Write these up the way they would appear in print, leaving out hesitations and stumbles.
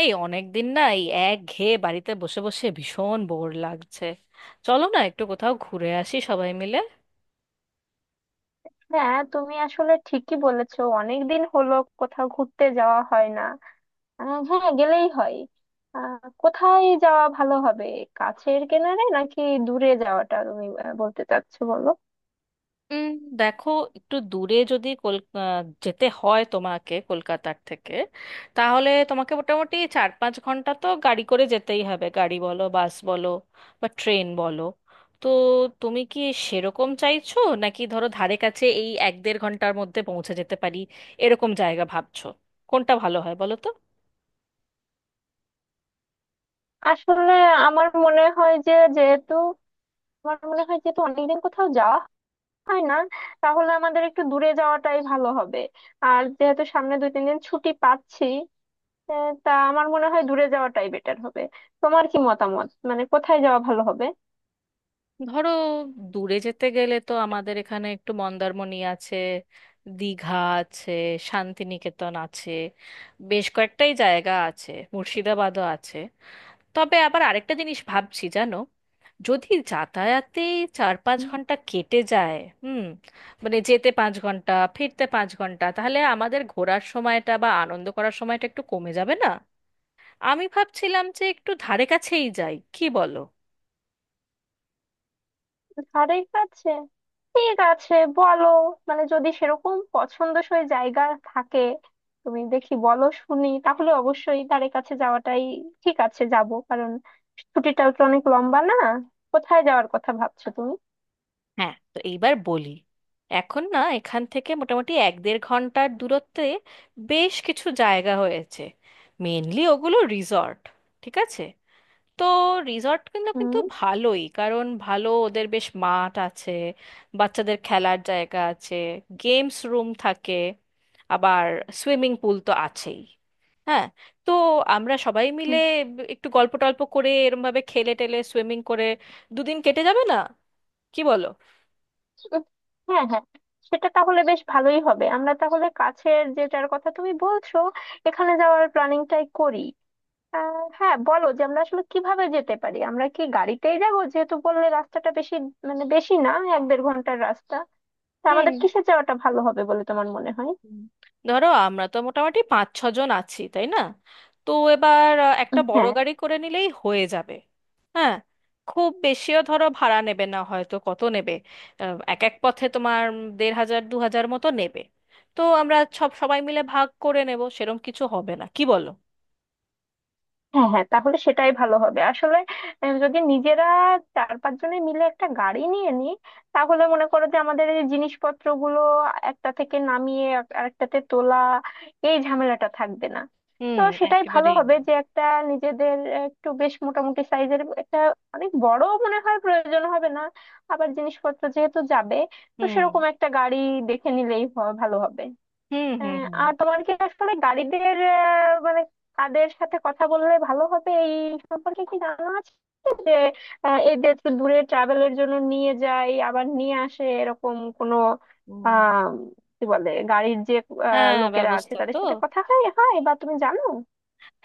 এই অনেকদিন না এই একঘেয়ে বাড়িতে বসে বসে ভীষণ বোর লাগছে। চলো না একটু কোথাও ঘুরে আসি সবাই মিলে। হ্যাঁ, তুমি আসলে ঠিকই বলেছো। অনেকদিন হলো কোথাও ঘুরতে যাওয়া হয় না। হ্যাঁ, গেলেই হয়। আহ, কোথায় যাওয়া ভালো হবে? কাছের কিনারে নাকি দূরে যাওয়াটা, তুমি বলতে চাচ্ছো বলো। উম, দেখো, একটু দূরে যদি যেতে হয় তোমাকে কলকাতার থেকে, তাহলে তোমাকে মোটামুটি 4-5 ঘন্টা তো গাড়ি করে যেতেই হবে, গাড়ি বলো, বাস বলো বা ট্রেন বলো। তো তুমি কি সেরকম চাইছো, নাকি ধরো ধারে কাছে এই 1-1.5 ঘন্টার মধ্যে পৌঁছে যেতে পারি এরকম জায়গা ভাবছো? কোনটা ভালো হয় বলো তো। আসলে আমার মনে হয় যে যেহেতু আমার মনে হয় যেহেতু অনেকদিন কোথাও যাওয়া হয় না, তাহলে আমাদের একটু দূরে যাওয়াটাই ভালো হবে। আর যেহেতু সামনে দুই তিন দিন ছুটি পাচ্ছি, তা আমার মনে হয় দূরে যাওয়াটাই বেটার হবে। তোমার কি মতামত, মানে কোথায় যাওয়া ভালো হবে? ধরো, দূরে যেতে গেলে তো আমাদের এখানে একটু মন্দারমণি আছে, দীঘা আছে, শান্তিনিকেতন আছে, বেশ কয়েকটাই জায়গা আছে, মুর্শিদাবাদও আছে। তবে আবার আরেকটা জিনিস ভাবছি জানো, যদি যাতায়াতে 4-5 ঘন্টা কেটে যায়, হুম, মানে যেতে 5 ঘন্টা ফিরতে 5 ঘন্টা, তাহলে আমাদের ঘোরার সময়টা বা আনন্দ করার সময়টা একটু কমে যাবে না? আমি ভাবছিলাম যে একটু ধারে কাছেই যাই, কি বলো? ধারে কাছে ঠিক আছে, বলো। মানে যদি সেরকম পছন্দসই জায়গা থাকে, তুমি দেখি বলো শুনি, তাহলে অবশ্যই ধারে কাছে যাওয়াটাই ঠিক আছে, যাব। কারণ ছুটিটাও তো অনেক লম্বা না। কোথায় যাওয়ার কথা ভাবছো তুমি? হ্যাঁ, তো এইবার বলি, এখন না এখান থেকে মোটামুটি 1-1.5 ঘন্টার দূরত্বে বেশ কিছু জায়গা হয়েছে। মেনলি ওগুলো রিসর্ট। ঠিক আছে। তো রিসর্ট, কিন্তু কিন্তু হুম। ভালোই, কারণ ভালো ওদের বেশ মাঠ আছে, বাচ্চাদের খেলার জায়গা আছে, গেমস রুম থাকে, আবার সুইমিং পুল তো আছেই। হ্যাঁ, তো আমরা সবাই মিলে হুম। একটু গল্প টল্প করে এরমভাবে খেলে টেলে সুইমিং করে দুদিন কেটে যাবে না, কি বলো? হ্যাঁ, হ্যাঁ, সেটা তাহলে বেশ ভালোই হবে। আমরা তাহলে কাছের যেটার কথা তুমি বলছো, এখানে যাওয়ার প্ল্যানিংটাই করি। হ্যাঁ বলো, যে আমরা আসলে কিভাবে যেতে পারি। আমরা কি গাড়িতেই যাবো? যেহেতু বললে রাস্তাটা বেশি, মানে বেশি না, এক দেড় ঘন্টার রাস্তা, তা হ্যাঁ। আমাদের কিসে যাওয়াটা ভালো হবে বলে তোমার মনে হয়? হুম। ধরো আমরা তো মোটামুটি 5-6 জন আছি, তাই না? তো এবার একটা বড় হ্যাঁ। গাড়ি করে নিলেই হয়ে যাবে। হ্যাঁ, খুব বেশিও ধরো ভাড়া নেবে না, হয়তো কত নেবে, এক এক পথে তোমার 1500-2000 মতো নেবে। তো আমরা সবাই মিলে ভাগ করে নেব, সেরম কিছু হবে না, কি বলো? হ্যাঁ, হ্যাঁ, তাহলে সেটাই ভালো হবে আসলে। যদি নিজেরা চার পাঁচ জনে মিলে একটা গাড়ি নিয়ে নিই, তাহলে মনে করো যে আমাদের এই জিনিসপত্রগুলো একটা থেকে নামিয়ে আরেকটাতে তোলা, এই ঝামেলাটা থাকবে না। তো হুম। সেটাই ভালো একেবারেই হবে না। যে একটা নিজেদের একটু বেশ মোটামুটি সাইজের একটা। অনেক বড় মনে হয় প্রয়োজন হবে না, আবার জিনিসপত্র যেহেতু যাবে, তো হুম, সেরকম একটা গাড়ি দেখে নিলেই ভালো হবে। হুম, হুম। হ্যাঁ, হুম, আর তোমার কি আসলে গাড়িদের মানে কাদের সাথে কথা বললে ভালো হবে, এই সম্পর্কে কি জানা আছে, যে এই যে একটু দূরে ট্রাভেলের জন্য নিয়ে যায় আবার নিয়ে আসে এরকম কোনো, হুম। আহ কি বলে গাড়ির যে হ্যাঁ, লোকেরা আছে, ব্যবস্থা তো, তাদের সাথে কথা হয় হয় বা তুমি জানো।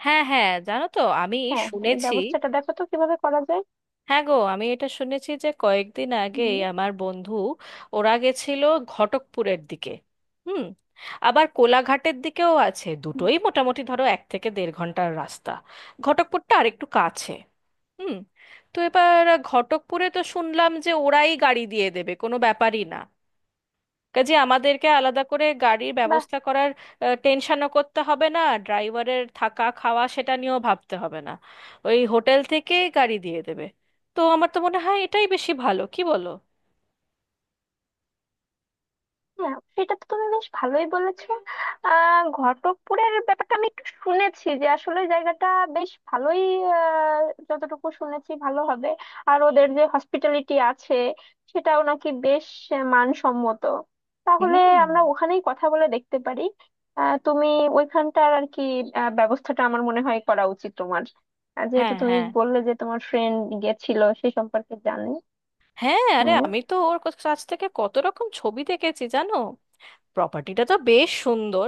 হ্যাঁ, হ্যাঁ, জানো তো আমি হ্যাঁ, হ্যাঁ, এই শুনেছি। ব্যবস্থাটা দেখো তো কিভাবে করা যায়। হ্যাঁ গো, আমি এটা শুনেছি যে কয়েকদিন আগে হুম। আমার বন্ধু ওরা গেছিল ঘটকপুরের দিকে। হুম। আবার কোলাঘাটের দিকেও আছে, হুম। দুটোই মোটামুটি ধরো 1 থেকে 1.5 ঘন্টার রাস্তা। ঘটকপুরটা আরেকটু কাছে। হুম। তো এবার ঘটকপুরে তো শুনলাম যে ওরাই গাড়ি দিয়ে দেবে, কোনো ব্যাপারই না। কাজে আমাদেরকে আলাদা করে গাড়ির ব্যবস্থা করার টেনশনও করতে হবে না, ড্রাইভারের থাকা খাওয়া সেটা নিয়েও ভাবতে হবে না, ওই হোটেল থেকে গাড়ি দিয়ে দেবে। তো আমার তো মনে হয় এটাই বেশি ভালো, কি বলো? হ্যাঁ, সেটা তো তুমি বেশ ভালোই বলেছো। ঘটকপুরের ব্যাপারটা আমি একটু শুনেছি, যে আসলে জায়গাটা বেশ ভালোই। আহ, যতটুকু শুনেছি ভালো হবে। আর ওদের যে হসপিটালিটি আছে, সেটাও নাকি বেশ মানসম্মত। তাহলে হুম। আমরা ওখানেই কথা বলে দেখতে পারি। তুমি ওইখানটার আর কি ব্যবস্থাটা, আমার মনে হয় করা উচিত তোমার। যেহেতু হ্যাঁ, তুমি হ্যাঁ। বললে যে তোমার ফ্রেন্ড গেছিল, সেই সম্পর্কে জানি। হ্যাঁ, আরে আমি তো ওর কাছ থেকে কত রকম ছবি দেখেছি জানো, প্রপার্টিটা তো বেশ সুন্দর।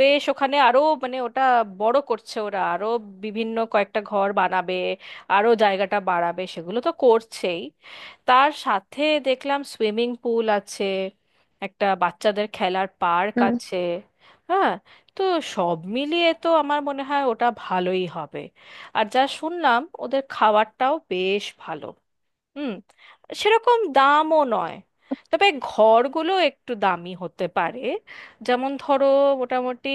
বেশ ওখানে আরো, মানে ওটা বড় করছে ওরা, আরো বিভিন্ন কয়েকটা ঘর বানাবে, আরো জায়গাটা বাড়াবে, সেগুলো তো করছেই। তার সাথে দেখলাম সুইমিং পুল আছে, একটা বাচ্চাদের খেলার পার্ক হ্যাঁ আছে। হ্যাঁ। তো সব মিলিয়ে তো আমার মনে হয় ওটা ভালোই হবে। আর যা শুনলাম ওদের খাবারটাও বেশ ভালো, হুম, সেরকম দামও নয়। তবে ঘরগুলো একটু দামি হতে পারে। যেমন ধরো মোটামুটি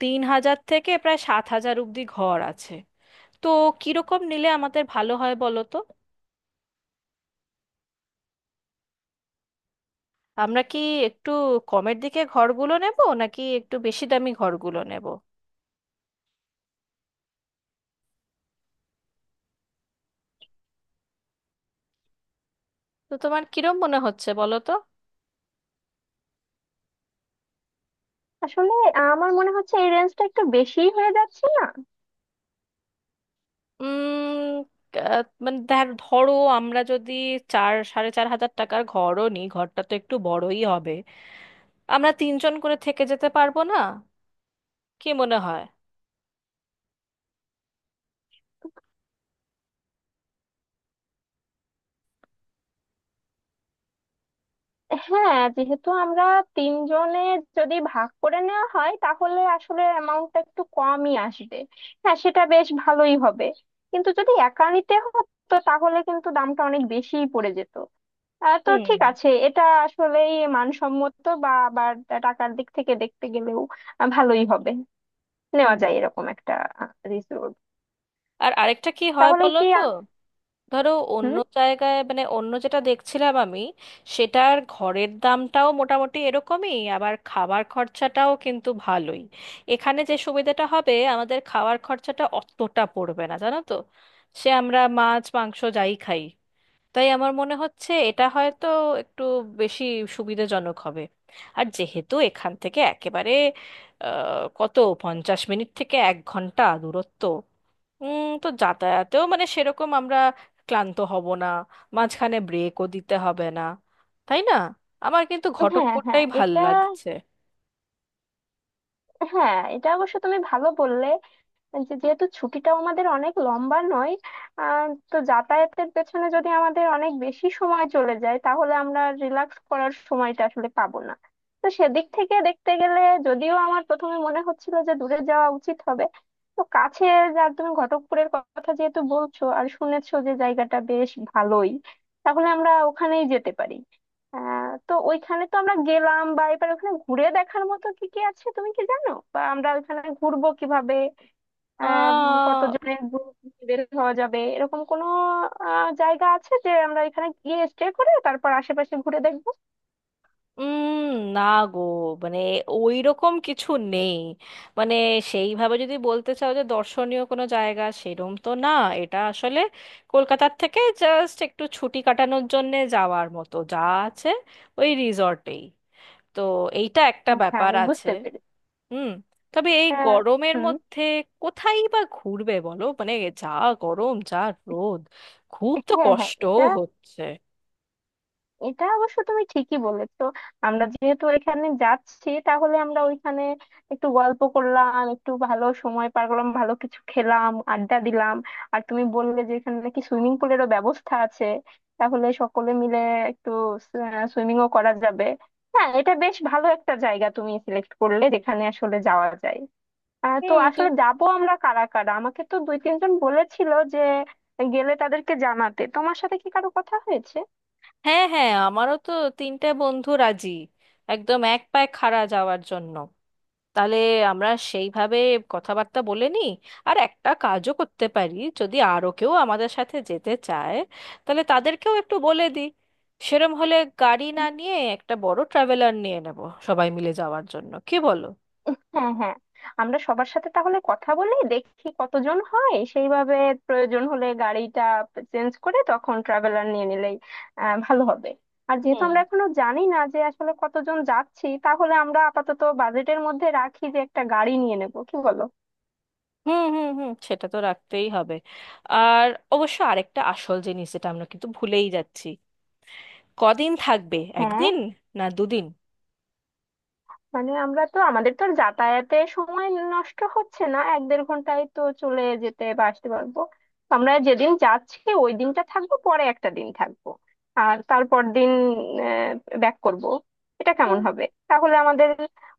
3000 থেকে প্রায় 7000 অব্দি ঘর আছে। তো কিরকম নিলে আমাদের ভালো হয় বলো তো, আমরা কি একটু কমের দিকে ঘরগুলো নেব নাকি একটু বেশি দামি ঘরগুলো নেব? তো তোমার কিরম মনে হচ্ছে বলো তো। আসলে আমার মনে হচ্ছে এই রেঞ্জটা একটু বেশিই হয়ে যাচ্ছে না? উম আহ, মানে ধর- ধরো আমরা যদি 4-4.5 হাজার টাকার ঘরও নিই, ঘরটা তো একটু বড়ই হবে, আমরা 3 জন করে থেকে যেতে পারবো না? কি মনে হয়? হ্যাঁ, যেহেতু আমরা তিনজনে, যদি ভাগ করে নেওয়া হয়, তাহলে আসলে অ্যামাউন্টটা একটু কমই আসবে। হ্যাঁ, সেটা বেশ ভালোই হবে। কিন্তু যদি একা নিতে হতো, তাহলে কিন্তু দামটা অনেক বেশিই পড়ে যেত। তো হুম, ঠিক আছে, এটা আসলেই মানসম্মত বা আবার টাকার দিক থেকে দেখতে গেলেও ভালোই হবে। নেওয়া হুম। যায় এরকম একটা রিসোর্ট। আর আরেকটা কি হয় তাহলে বলো কি তো, ধরো হুম। অন্য জায়গায়, মানে অন্য যেটা দেখছিলাম আমি, সেটার ঘরের দামটাও মোটামুটি এরকমই, আবার খাবার খরচাটাও কিন্তু ভালোই। এখানে যে সুবিধাটা হবে, আমাদের খাওয়ার খরচাটা অতটা পড়বে না জানো তো, সে আমরা মাছ মাংস যাই খাই। তাই আমার মনে হচ্ছে এটা হয়তো একটু বেশি সুবিধাজনক হবে। আর যেহেতু এখান থেকে একেবারে কত, 50 মিনিট থেকে 1 ঘন্টা দূরত্ব, তো যাতায়াতেও মানে সেরকম আমরা ক্লান্ত হব না, মাঝখানে ব্রেকও দিতে হবে না, তাই না? আমার কিন্তু হ্যাঁ, হ্যাঁ, ঘটকপুরটাই ভাল এটা। লাগছে। হ্যাঁ, এটা অবশ্য তুমি ভালো বললে। যেহেতু ছুটিটাও আমাদের অনেক লম্বা নয়, তো যাতায়াতের পেছনে যদি আমাদের অনেক বেশি সময় চলে যায়, তাহলে আমরা রিল্যাক্স করার সময়টা আসলে পাবো না। তো সেদিক থেকে দেখতে গেলে, যদিও আমার প্রথমে মনে হচ্ছিল যে দূরে যাওয়া উচিত হবে, তো কাছে যা তুমি ঘটকপুরের কথা যেহেতু বলছো আর শুনেছো যে জায়গাটা বেশ ভালোই, তাহলে আমরা ওখানেই যেতে পারি। তো ওইখানে তো আমরা গেলাম, বা এবার ওখানে ঘুরে দেখার মতো কি কি আছে তুমি কি জানো, বা আমরা ওইখানে ঘুরবো কিভাবে? আহ কতজনের গ্রুপ বের হওয়া যাবে, এরকম কোনো জায়গা আছে, যে আমরা এখানে গিয়ে স্টে করে তারপর আশেপাশে ঘুরে দেখবো? উম না গো, মানে ওই রকম কিছু নেই, মানে সেইভাবে যদি বলতে চাও যে দর্শনীয় কোনো জায়গা সেরম তো না। এটা আসলে কলকাতার থেকে জাস্ট একটু ছুটি কাটানোর জন্যে যাওয়ার মতো, যা আছে ওই রিসর্টেই। তো এইটা একটা আচ্ছা, ব্যাপার আমি আছে। বুঝতে পেরেছি। হুম। তবে এই আহ, গরমের হুম মধ্যে কোথায় বা ঘুরবে বলো, মানে যা গরম, যা রোদ, খুব তো হ্যাঁ, হ্যাঁ, কষ্টও এটা। হচ্ছে। এটা অবশ্য তুমি ঠিকই বলেছো। আমরা যেহেতু এখানে যাচ্ছি, তাহলে আমরা ওইখানে একটু গল্প করলাম, একটু ভালো সময় পার করলাম, ভালো কিছু খেলাম, আড্ডা দিলাম। আর তুমি বললে যে এখানে নাকি সুইমিং পুলেরও ব্যবস্থা আছে, তাহলে সকলে মিলে একটু সুইমিংও করা যাবে। হ্যাঁ, এটা বেশ ভালো একটা জায়গা তুমি সিলেক্ট করলে, যেখানে আসলে যাওয়া যায়। তো হুম। আসলে যাবো আমরা কারা কারা, আমাকে তো দুই তিনজন বলেছিল যে গেলে তাদেরকে জানাতে, তোমার সাথে কি কারো কথা হয়েছে? হ্যাঁ, হ্যাঁ আমারও তো 3টে বন্ধু রাজি, একদম এক পায়ে খাড়া যাওয়ার জন্য। তাহলে আমরা সেইভাবে কথাবার্তা বলে নিই। আর একটা কাজও করতে পারি, যদি আরও কেউ আমাদের সাথে যেতে চায় তাহলে তাদেরকেও একটু বলে দিই, সেরম হলে গাড়ি না নিয়ে একটা বড় ট্রাভেলার নিয়ে নেব সবাই মিলে যাওয়ার জন্য, কি বলো? হ্যাঁ, হ্যাঁ, আমরা সবার সাথে তাহলে কথা বলে দেখি কতজন হয়, সেইভাবে প্রয়োজন হলে গাড়িটা চেঞ্জ করে তখন ট্রাভেলার নিয়ে নিলেই ভালো হবে। আর যেহেতু হুম, আমরা এখনো জানি না যে আসলে কতজন যাচ্ছি, তাহলে আমরা আপাতত বাজেটের মধ্যে রাখি যে একটা গাড়ি নিয়ে নেব, কি বলো? হুম, হুম। হুম, সেটা তো রাখতেই হবে। আর অবশ্য আরেকটা আসল জিনিস যেটা আমরা কিন্তু ভুলেই যাচ্ছি, কদিন থাকবে, হ্যাঁ, একদিন না দুদিন? মানে আমরা তো, আমাদের তো আর যাতায়াতে সময় নষ্ট হচ্ছে না, এক দেড় ঘন্টায় তো চলে যেতে বা আসতে পারবো। আমরা যেদিন যাচ্ছি ওই দিনটা থাকবো, পরে একটা দিন থাকবো, আর তারপর দিন ব্যাক করব। এটা কেমন হবে? তাহলে আমাদের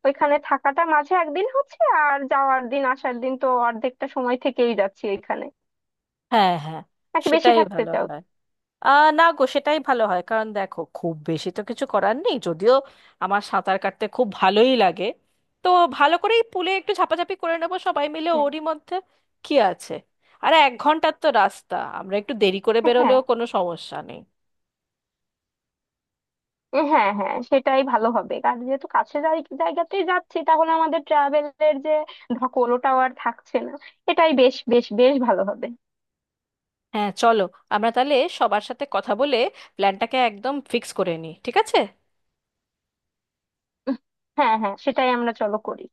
ওইখানে থাকাটা মাঝে একদিন হচ্ছে, আর যাওয়ার দিন আসার দিন তো অর্ধেকটা সময় থেকেই যাচ্ছি ওইখানে। হ্যাঁ, হ্যাঁ নাকি বেশি সেটাই থাকতে ভালো চাও? হয়। না গো, সেটাই ভালো হয়, কারণ দেখো খুব বেশি তো কিছু করার নেই যদিও, আমার সাঁতার কাটতে খুব ভালোই লাগে। তো ভালো করেই পুলে একটু ঝাপাঝাপি করে নেবো সবাই মিলে, ওরই মধ্যে কি আছে। আর 1 ঘন্টার তো রাস্তা, আমরা একটু দেরি করে হ্যাঁ, হ্যাঁ। বেরোলেও কোনো সমস্যা নেই। এ হ্যাঁ, হ্যাঁ, সেটাই ভালো হবে। কারণ যেহেতু কাছে জায়গাতেই যাচ্ছি, তাহলে আমাদের ট্রাভেলের যে ধকল, ওটাও আর থাকছে না। এটাই বেশ, বেশ, বেশ ভালো হবে। হ্যাঁ চলো, আমরা তাহলে সবার সাথে কথা বলে প্ল্যানটাকে একদম ফিক্স করে নিই, ঠিক আছে? উহ, হ্যাঁ, হ্যাঁ, সেটাই আমরা চলো করি।